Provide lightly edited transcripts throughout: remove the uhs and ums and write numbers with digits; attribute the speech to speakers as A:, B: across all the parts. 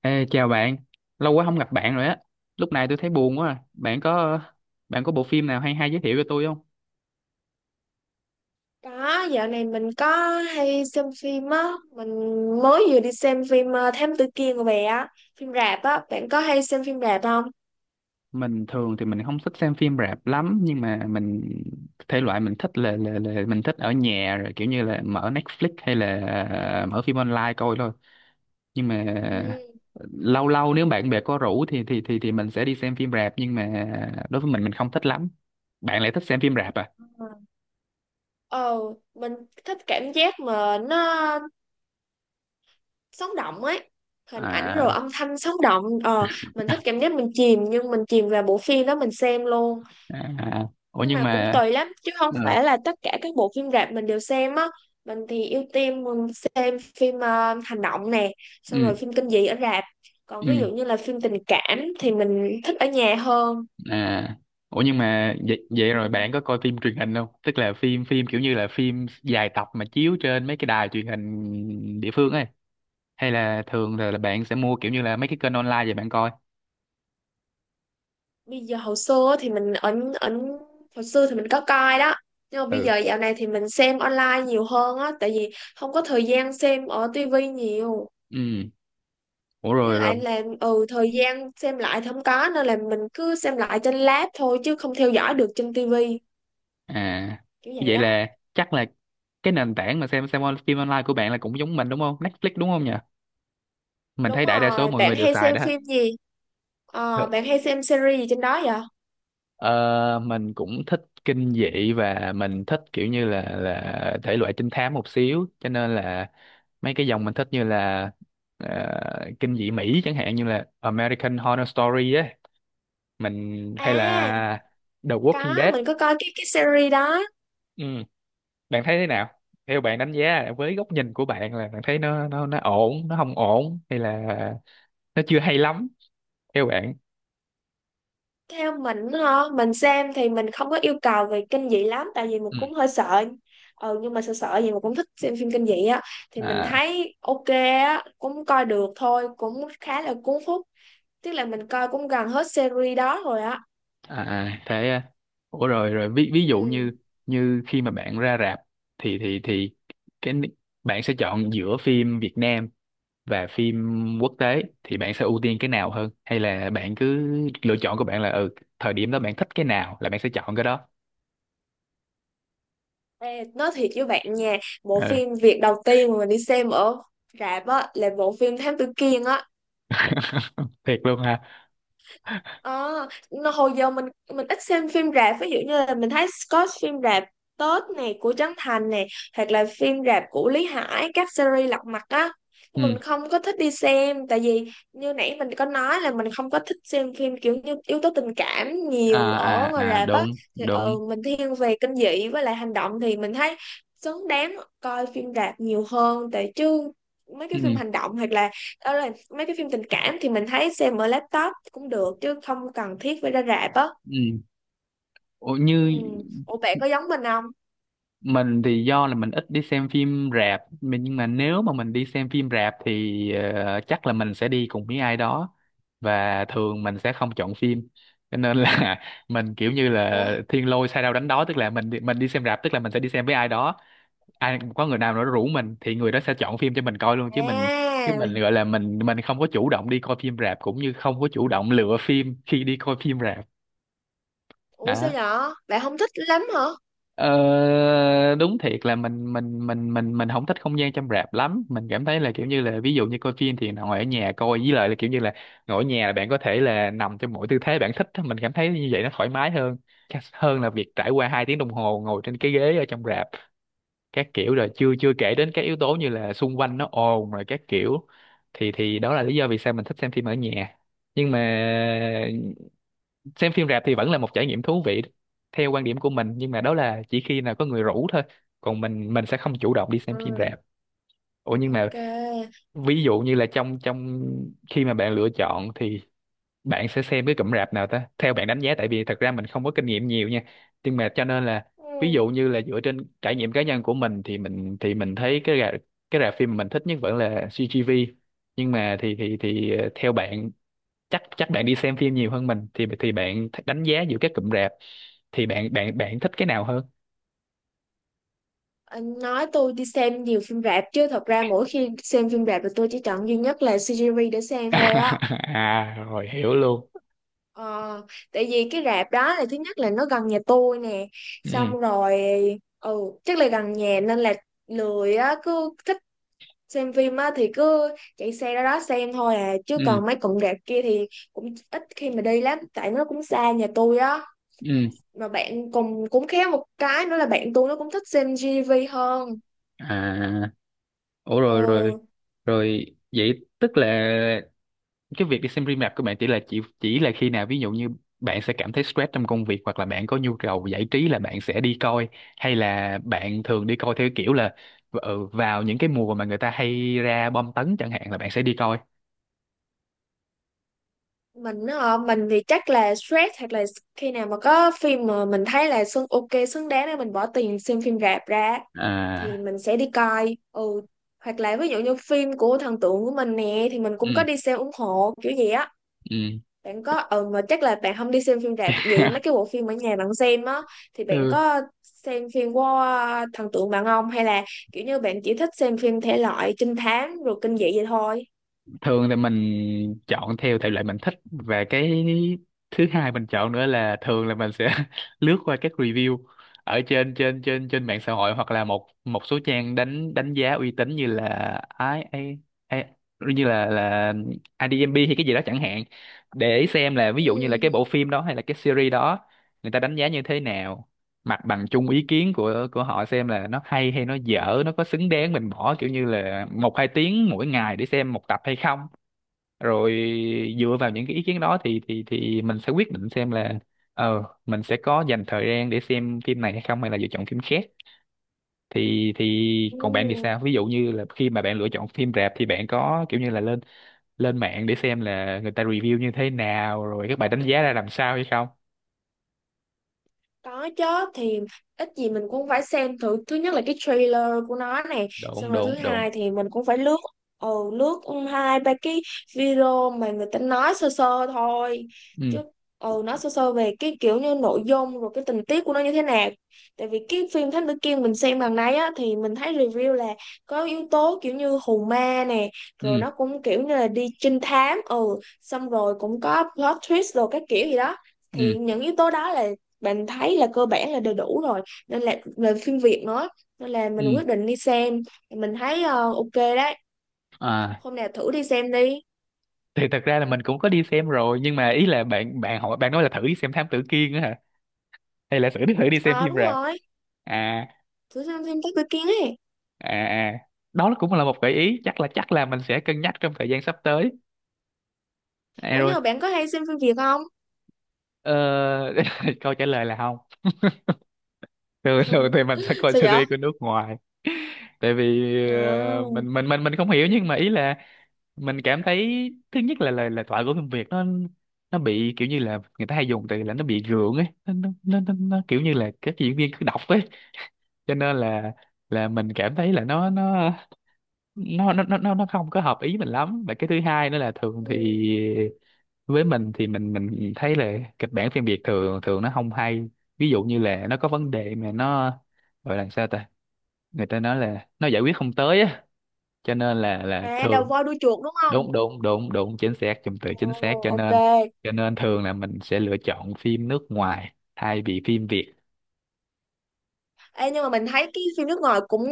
A: Ê, chào bạn, lâu quá không gặp bạn rồi á. Lúc này tôi thấy buồn quá à. Bạn có bộ phim nào hay hay giới thiệu cho tôi không?
B: Có, dạo này mình có hay xem phim á, mình mới vừa đi xem phim Thám Tử Kiên của bé á, phim rạp á, bạn có hay xem phim rạp không?
A: Mình thường thì mình không thích xem phim rạp lắm nhưng mà mình thể loại mình thích là mình thích ở nhà rồi kiểu như là mở Netflix hay là mở phim online coi thôi. Nhưng mà
B: Ừ.
A: lâu lâu nếu bạn bè có rủ thì mình sẽ đi xem phim rạp nhưng mà đối với mình không thích lắm. Bạn lại thích xem phim rạp à?
B: Ờ, mình thích cảm giác mà nó sống động ấy, hình ảnh rồi
A: À,
B: âm thanh sống động, mình thích cảm giác mình chìm, nhưng mình chìm vào bộ phim đó mình xem luôn.
A: à, à. Ủa
B: Nhưng
A: nhưng
B: mà cũng
A: mà
B: tùy lắm chứ không
A: ừ,
B: phải là tất cả các bộ phim rạp mình đều xem á. Mình thì ưu tiên mình xem phim hành động nè, xong rồi
A: ừ,
B: phim kinh dị ở rạp. Còn
A: ừ,
B: ví dụ như là phim tình cảm thì mình thích ở nhà hơn.
A: à, ủa nhưng mà vậy, vậy rồi
B: Ừm,
A: bạn có coi phim truyền hình không, tức là phim phim kiểu như là phim dài tập mà chiếu trên mấy cái đài truyền hình địa phương ấy, hay là thường là bạn sẽ mua kiểu như là mấy cái kênh online vậy bạn coi?
B: bây giờ hồi xưa thì mình ở ở hồi xưa thì mình có coi đó. Nhưng mà bây
A: Ừ,
B: giờ dạo này thì mình xem online nhiều hơn á, tại vì không có thời gian xem ở tivi nhiều.
A: ừ, ủa
B: Với
A: rồi rồi,
B: lại là thời gian xem lại thì không có, nên là mình cứ xem lại trên lab thôi, chứ không theo dõi được trên tivi,
A: à,
B: kiểu vậy
A: vậy
B: á.
A: là chắc là cái nền tảng mà xem on- phim online của bạn là cũng giống mình đúng không, Netflix đúng không nhỉ? Mình
B: Đúng
A: thấy đại đa số
B: rồi,
A: mọi
B: bạn
A: người đều
B: hay
A: xài
B: xem
A: đó.
B: phim gì? Bạn hay xem series gì trên đó vậy?
A: Ờ, mình cũng thích kinh dị và mình thích kiểu như là thể loại trinh thám một xíu, cho nên là mấy cái dòng mình thích như là ờ, kinh dị Mỹ chẳng hạn như là American Horror Story á, mình hay
B: À,
A: là The Walking
B: có,
A: Dead.
B: mình có coi cái series đó.
A: Ừ, bạn thấy thế nào, theo bạn đánh giá với góc nhìn của bạn là bạn thấy nó nó ổn, nó không ổn hay là nó chưa hay lắm, theo bạn?
B: Theo mình hả, mình xem thì mình không có yêu cầu về kinh dị lắm, tại vì mình
A: Ừ.
B: cũng hơi sợ. Ừ, nhưng mà sợ sợ gì mà cũng thích xem phim kinh dị á. Thì mình
A: À,
B: thấy ok á, cũng coi được thôi, cũng khá là cuốn hút. Tức là mình coi cũng gần hết series đó rồi á.
A: à, à, thế à. Ủa rồi rồi, ví ví dụ
B: Ừ.
A: như như khi mà bạn ra rạp thì thì cái ni- bạn sẽ chọn giữa phim Việt Nam và phim quốc tế thì bạn sẽ ưu tiên cái nào hơn, hay là bạn cứ lựa chọn của bạn là ừ thời điểm đó bạn thích cái nào là bạn sẽ chọn cái đó?
B: Ê, nói thiệt với bạn nha, bộ
A: Ừ.
B: phim việc đầu tiên mà mình đi xem ở rạp á là bộ phim Thám Tử Kiên á.
A: Thiệt luôn ha.
B: Ờ, hồi giờ mình ít xem phim rạp, ví dụ như là mình thấy có phim rạp Tết này của Trấn Thành này, hoặc là phim rạp của Lý Hải các series lật mặt á, nhưng mà
A: Ừ.
B: mình không có thích đi xem, tại vì như nãy mình có nói là mình không có thích xem phim kiểu như yếu tố tình cảm nhiều
A: À
B: ở
A: à
B: ngoài
A: à,
B: rạp á.
A: đúng
B: Thì
A: đúng.
B: mình thiên về kinh dị với lại hành động thì mình thấy xứng đáng coi phim rạp nhiều hơn, tại chứ mấy cái
A: Ừ.
B: phim hành động, hoặc là đó là mấy cái phim tình cảm thì mình thấy xem ở laptop cũng được chứ không cần thiết phải ra rạp á.
A: Ừ. Ủa, như
B: Ừ. Ủa bạn có giống mình không?
A: mình thì do là mình ít đi xem phim rạp mình- nhưng mà nếu mà mình đi xem phim rạp thì ờ, chắc là mình sẽ đi cùng với ai đó và thường mình sẽ không chọn phim, cho nên là mình kiểu như
B: Ủa.
A: là thiên lôi sai đâu đánh đó, tức là mình đi xem rạp tức là mình sẽ đi xem với ai đó, ai có người nào đó rủ mình thì người đó sẽ chọn phim cho mình coi luôn chứ mình chứ
B: À.
A: mình gọi là mình không có chủ động đi coi phim rạp cũng như không có chủ động lựa phim khi đi coi phim rạp.
B: Ủa sao
A: Đó.
B: nhỏ bạn không thích lắm hả?
A: Ờ, đúng thiệt là mình không thích không gian trong rạp lắm, mình cảm thấy là kiểu như là ví dụ như coi phim thì ngồi ở nhà coi, với lại là kiểu như là ngồi ở nhà là bạn có thể là nằm trong mọi tư thế bạn thích á. Mình cảm thấy như vậy nó thoải mái hơn, hơn là việc trải qua hai tiếng đồng hồ ngồi trên cái ghế ở trong rạp các kiểu, rồi chưa chưa kể đến các yếu tố như là xung quanh nó ồn rồi các kiểu, thì đó là lý do vì sao mình thích xem phim ở nhà. Nhưng mà xem phim rạp thì vẫn là một trải nghiệm thú vị theo quan điểm của mình, nhưng mà đó là chỉ khi nào có người rủ thôi, còn mình sẽ không chủ động đi xem phim
B: Ừ.
A: rạp. Ủa nhưng mà
B: Ok.
A: ví dụ như là trong trong khi mà bạn lựa chọn thì bạn sẽ xem cái cụm rạp nào ta, theo bạn đánh giá, tại vì thật ra mình không có kinh nghiệm nhiều nha nhưng mà cho nên là ví
B: Ừ.
A: dụ như là dựa trên trải nghiệm cá nhân của mình thì mình thấy cái rạp, cái rạp phim mình thích nhất vẫn là CGV, nhưng mà thì ờ, theo bạn, chắc chắc bạn đi xem phim nhiều hơn mình thì bạn th- đánh giá giữa các cụm rạp thì bạn bạn bạn thích cái nào hơn?
B: Anh nói tôi đi xem nhiều phim rạp chứ thật ra mỗi khi xem phim rạp thì tôi chỉ chọn duy nhất là series để xem thôi á.
A: À rồi, hiểu luôn.
B: Ờ, tại vì cái rạp đó là thứ nhất là nó gần nhà tôi nè,
A: Ừ,
B: xong rồi ừ chắc là gần nhà nên là lười á, cứ thích xem phim á thì cứ chạy xe ra đó xem thôi à, chứ còn
A: ừ,
B: mấy cụm rạp kia thì cũng ít khi mà đi lắm, tại nó cũng xa nhà tôi á.
A: ừ,
B: Mà bạn cùng cũng khéo một cái nữa là bạn tôi nó cũng thích xem GV hơn.
A: à, ủa rồi
B: Ừ.
A: rồi rồi vậy, tức là cái việc đi xem phim rạp của bạn chỉ là khi nào ví dụ như bạn sẽ cảm thấy stress trong công việc hoặc là bạn có nhu cầu giải trí là bạn sẽ đi coi, hay là bạn thường đi coi theo kiểu là ừ, vào những cái mùa mà người ta hay ra bom tấn chẳng hạn là bạn sẽ đi coi?
B: Mình á, mình thì chắc là stress, hoặc là khi nào mà có phim mà mình thấy là xứng ok xứng đáng để mình bỏ tiền xem phim rạp ra thì
A: À,
B: mình sẽ đi coi. Ừ Hoặc là ví dụ như phim của thần tượng của mình nè thì mình cũng
A: ừ,
B: có đi xem ủng hộ kiểu gì á.
A: ừ.
B: Bạn có mà chắc là bạn không đi xem phim rạp, vậy mấy cái bộ phim ở nhà bạn xem á, thì bạn
A: Ừ.
B: có xem phim của thần tượng bạn không, hay là kiểu như bạn chỉ thích xem phim thể loại trinh thám rồi kinh dị vậy thôi?
A: Thường thì mình chọn theo thể loại mình thích, và cái thứ hai mình chọn nữa là thường là mình sẽ lướt qua các review ở trên trên trên trên mạng xã hội hoặc là một một số trang đánh đánh giá uy tín như là ai ai ai như là IDMB hay cái gì đó chẳng hạn, để xem là ví dụ như là
B: Ừ.
A: cái bộ phim đó hay là cái series đó người ta đánh giá như thế nào, mặt bằng chung ý kiến của họ xem là nó hay hay nó dở, nó có xứng đáng mình bỏ kiểu như là một hai tiếng mỗi ngày để xem một tập hay không, rồi
B: Ừ.
A: dựa vào những cái ý kiến đó thì thì mình sẽ quyết định xem là ờ mình sẽ có dành thời gian để xem phim này hay không hay là lựa chọn phim khác. Thì
B: Ừ.
A: còn bạn thì sao, ví dụ như là khi mà bạn lựa chọn phim rạp thì bạn có kiểu như là lên lên mạng để xem là người ta review như thế nào rồi các bài đánh giá ra làm sao hay không?
B: Có chứ. Thì ít gì mình cũng phải xem thử, thứ nhất là cái trailer của nó này, xong
A: đúng
B: rồi thứ
A: đúng đúng
B: hai thì mình cũng phải lướt, lướt hai ba cái video mà người ta nói sơ sơ thôi
A: ừ
B: chứ, nói sơ sơ về cái kiểu như nội dung rồi cái tình tiết của nó như thế nào. Tại vì cái phim Thám Tử Kiên mình xem lần này á thì mình thấy review là có yếu tố kiểu như hù ma nè, rồi
A: ừ
B: nó cũng kiểu như là đi trinh thám, xong rồi cũng có plot twist rồi các kiểu gì đó.
A: ừ
B: Thì những yếu tố đó là mình thấy là cơ bản là đầy đủ rồi, nên là về phim Việt nữa, nên là mình
A: ừ,
B: quyết định đi xem. Mình thấy ok đấy,
A: à,
B: hôm nào thử đi xem đi.
A: thì thật ra là mình cũng có đi xem rồi nhưng mà ý là bạn bạn hỏi, bạn nói là thử đi xem Thám Tử Kiên á hả, hay là thử thử đi xem
B: Ờ
A: phim
B: Đúng
A: rạp?
B: rồi,
A: À
B: thử xem phim Tắc Tư Kiến ấy.
A: à à, đó là cũng là một gợi ý, chắc là mình sẽ cân nhắc trong thời gian sắp tới. À,
B: Ủa
A: rồi.
B: nhưng mà bạn có hay xem phim Việt không?
A: Ờ, câu trả lời là không, thường thường thì mình sẽ coi
B: Sao vậy?
A: series của nước ngoài. Tại vì
B: À,
A: ờ, mình không hiểu nhưng mà ý là mình cảm thấy thứ nhất là lời lời thoại của phim Việt nó bị kiểu như là người ta hay dùng từ là nó bị gượng ấy, nó kiểu như là các diễn viên cứ đọc ấy, cho nên là mình cảm thấy là nó không có hợp ý mình lắm, và cái thứ hai nữa là thường
B: ừ.
A: thì với mình thì mình thấy là kịch bản phim Việt thường thường nó không hay, ví dụ như là nó có vấn đề mà nó gọi là sao ta, người ta nói là nó giải quyết không tới á, cho nên là
B: À, đầu
A: thường.
B: voi đuôi chuột đúng không?
A: Đúng đúng đúng đúng, chính xác, dùng từ
B: Ồ,
A: chính xác, cho
B: ok.
A: nên thường là mình sẽ lựa chọn phim nước ngoài thay vì phim Việt.
B: Ê, nhưng mà mình thấy cái phim nước ngoài cũng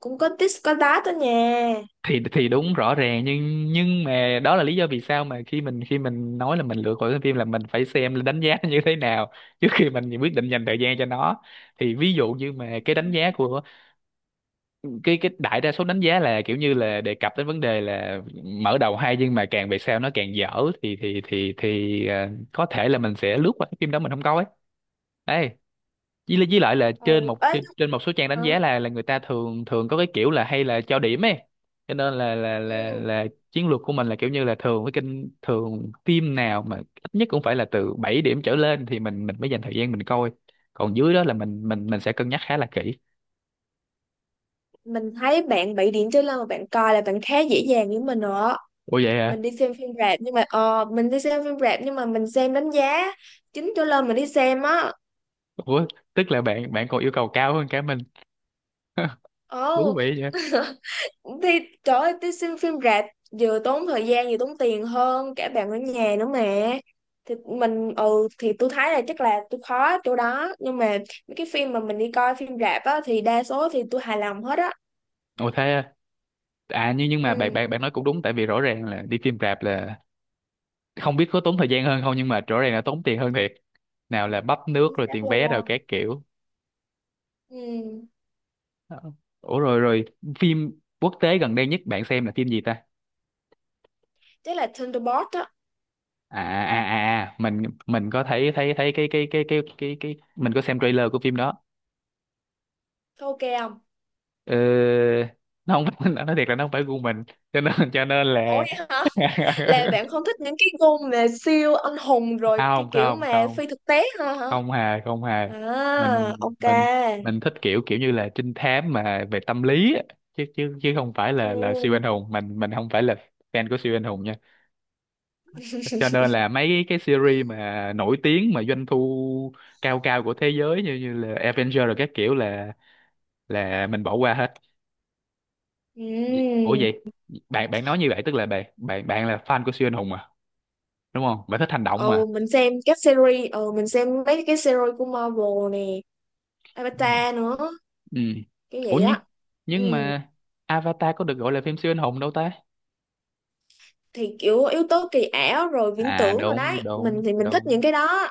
B: cũng có tít có tát đó nha.
A: Thì đúng, rõ ràng, nhưng mà đó là lý do vì sao mà khi mình nói là mình lựa khỏi cái phim là mình phải xem đánh giá nó như thế nào trước khi mình quyết định dành thời gian cho nó. Thì ví dụ như mà cái đánh giá của cái đại đa số đánh giá là kiểu như là đề cập đến vấn đề là mở đầu hay nhưng mà càng về sau nó càng dở, thì thì ờ, có thể là mình sẽ lướt qua cái phim đó mình không coi ấy. Với lại là trên
B: Ừ.
A: một
B: Ấy.
A: trên, trên một số trang đánh
B: Hả.
A: giá là người ta thường thường có cái kiểu là hay là cho điểm ấy, cho nên
B: Ừ.
A: là chiến lược của mình là kiểu như là thường với kênh, thường phim nào mà ít nhất cũng phải là từ 7 điểm trở lên thì mình mới dành thời gian mình coi, còn dưới đó là mình mình sẽ cân nhắc khá là kỹ.
B: Mình thấy bạn bị điện cho lên mà bạn coi là bạn khá dễ dàng với mình rồi á.
A: Ủa vậy à?
B: Mình đi xem phim rạp, nhưng mà mình xem đánh giá chín trở lên mình đi xem á.
A: Ủa tức là bạn bạn còn yêu cầu cao hơn cả mình thú
B: Ồ.
A: vị vậy?
B: Thì trời ơi, đi xem phim rạp vừa tốn thời gian vừa tốn tiền hơn cả bạn ở nhà nữa mà. Thì mình thì tôi thấy là chắc là tôi khó chỗ đó, nhưng mà mấy cái phim mà mình đi coi phim rạp á thì đa số thì tôi hài lòng hết á.
A: Ủa thế à. À, nhưng mà bạn
B: Ừ.
A: bạn bạn nói cũng đúng, tại vì rõ ràng là đi phim rạp là không biết có tốn thời gian hơn không nhưng mà rõ ràng là tốn tiền hơn thiệt. Nào là bắp nước
B: Chính
A: rồi
B: xác
A: tiền vé rồi
B: luôn.
A: các kiểu.
B: Ừ.
A: Ờ. Ủa, rồi rồi phim quốc tế gần đây nhất bạn xem là phim gì ta?
B: Chắc là Thunderbolt á.
A: À à à à, mình có thấy thấy thấy cái mình có xem trailer của phim đó.
B: Thôi ok không.
A: ờ, nó không phải, nói thiệt là nó không phải gu mình, cho nên
B: Ủa
A: là
B: vậy hả? Là bạn không thích những cái gu mà siêu anh hùng rồi cái
A: không
B: kiểu
A: không
B: mà
A: không,
B: phi thực tế hả hả?
A: không hề không hề.
B: À,
A: mình
B: ok.
A: mình mình thích kiểu kiểu như là trinh thám mà về tâm lý á. Chứ chứ chứ không phải là siêu
B: Ừ.
A: anh hùng, mình không phải là fan của siêu anh hùng nha. Cho nên là mấy cái series mà nổi tiếng mà doanh thu cao cao của thế giới như như là Avenger rồi các kiểu là mình bỏ qua hết.
B: Ừ.
A: Ủa vậy bạn bạn nói như vậy tức là bạn bạn bạn là fan của siêu anh hùng mà, đúng không? Bạn thích hành động
B: Ừ,
A: mà.
B: mình xem các series, ừ mình xem mấy cái series của Marvel nè,
A: Ừ.
B: Avatar nữa,
A: Ừ.
B: cái
A: Ủa
B: vậy á.
A: nhưng
B: Ừ.
A: mà Avatar có được gọi là phim siêu anh hùng đâu ta.
B: Thì kiểu yếu tố kỳ ảo rồi viễn
A: À
B: tưởng rồi
A: đúng
B: đấy, mình
A: đúng
B: thì mình thích
A: đúng,
B: những cái đó.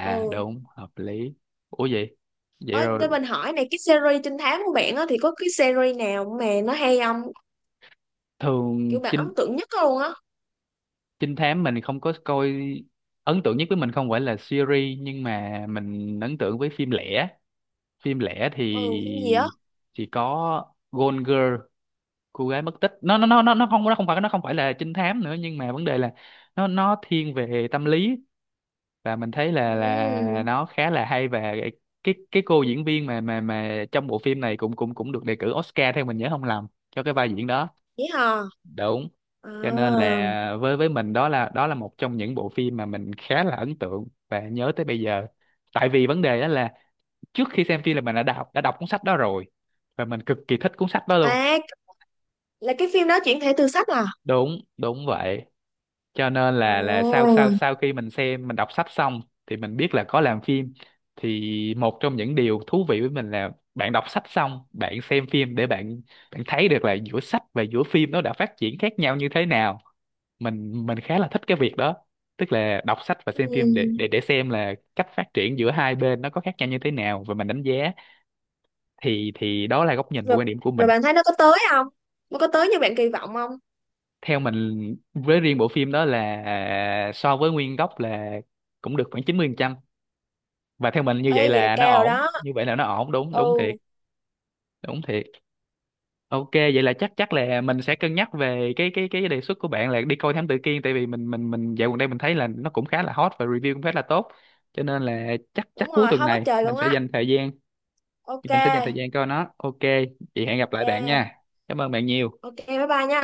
B: Ừ.
A: đúng, hợp lý. Ủa vậy, vậy
B: Ơi cho
A: rồi.
B: mình hỏi này, cái series trinh thám của bạn á thì có cái series nào mà nó hay không,
A: Thường
B: kiểu bạn ấn
A: trinh
B: tượng nhất luôn á?
A: trinh thám mình không có coi. Ấn tượng nhất với mình không phải là series, nhưng mà mình ấn tượng với phim lẻ. Phim lẻ
B: Ừ, phim gì
A: thì
B: á?
A: có Gone Girl, cô gái mất tích. Nó không, nó không phải, nó không phải là trinh thám nữa, nhưng mà vấn đề là nó thiên về tâm lý và mình thấy là
B: Ừ,
A: nó khá là hay. Và cái cô diễn viên mà mà trong bộ phim này cũng cũng cũng được đề cử Oscar, theo mình nhớ không lầm, cho cái vai diễn đó.
B: vậy hả?
A: Đúng.
B: À,
A: Cho nên là với mình đó là, đó là một trong những bộ phim mà mình khá là ấn tượng và nhớ tới bây giờ. Tại vì vấn đề đó là trước khi xem phim là mình đã đọc, đã đọc cuốn sách đó rồi, và mình cực kỳ thích cuốn sách đó luôn.
B: à, là cái phim đó chuyển thể từ sách à?
A: Đúng đúng vậy. Cho nên là sau sau
B: Ồ,
A: sau khi mình xem, mình đọc sách xong thì mình biết là có làm phim. Thì một trong những điều thú vị với mình là bạn đọc sách xong, bạn xem phim để bạn bạn thấy được là giữa sách và giữa phim nó đã phát triển khác nhau như thế nào. Mình khá là thích cái việc đó. Tức là đọc sách và xem phim để
B: ừ.
A: xem là cách phát triển giữa hai bên nó có khác nhau như thế nào, và mình đánh giá. Thì đó là góc nhìn và
B: Rồi,
A: quan điểm của
B: rồi
A: mình.
B: bạn thấy nó có tới không? Nó có tới như bạn kỳ vọng không?
A: Theo mình, với riêng bộ phim đó là, so với nguyên gốc là cũng được khoảng 90%. Và theo mình như vậy
B: Ê, vậy là
A: là nó
B: cao rồi
A: ổn,
B: đó.
A: như vậy là nó ổn, đúng, đúng
B: Ừ,
A: thiệt. Đúng thiệt. Ok, vậy là chắc chắc là mình sẽ cân nhắc về cái đề xuất của bạn là đi coi Thám Tử Kiên, tại vì mình dạo gần đây mình thấy là nó cũng khá là hot và review cũng khá là tốt. Cho nên là chắc chắc
B: đúng
A: cuối
B: rồi,
A: tuần
B: không có
A: này
B: trời
A: mình
B: luôn
A: sẽ
B: á.
A: dành thời gian,
B: Ok,
A: mình sẽ dành thời gian coi nó. Ok, vậy hẹn gặp lại bạn
B: ok,
A: nha. Cảm ơn bạn nhiều.
B: ok, bye bye nha.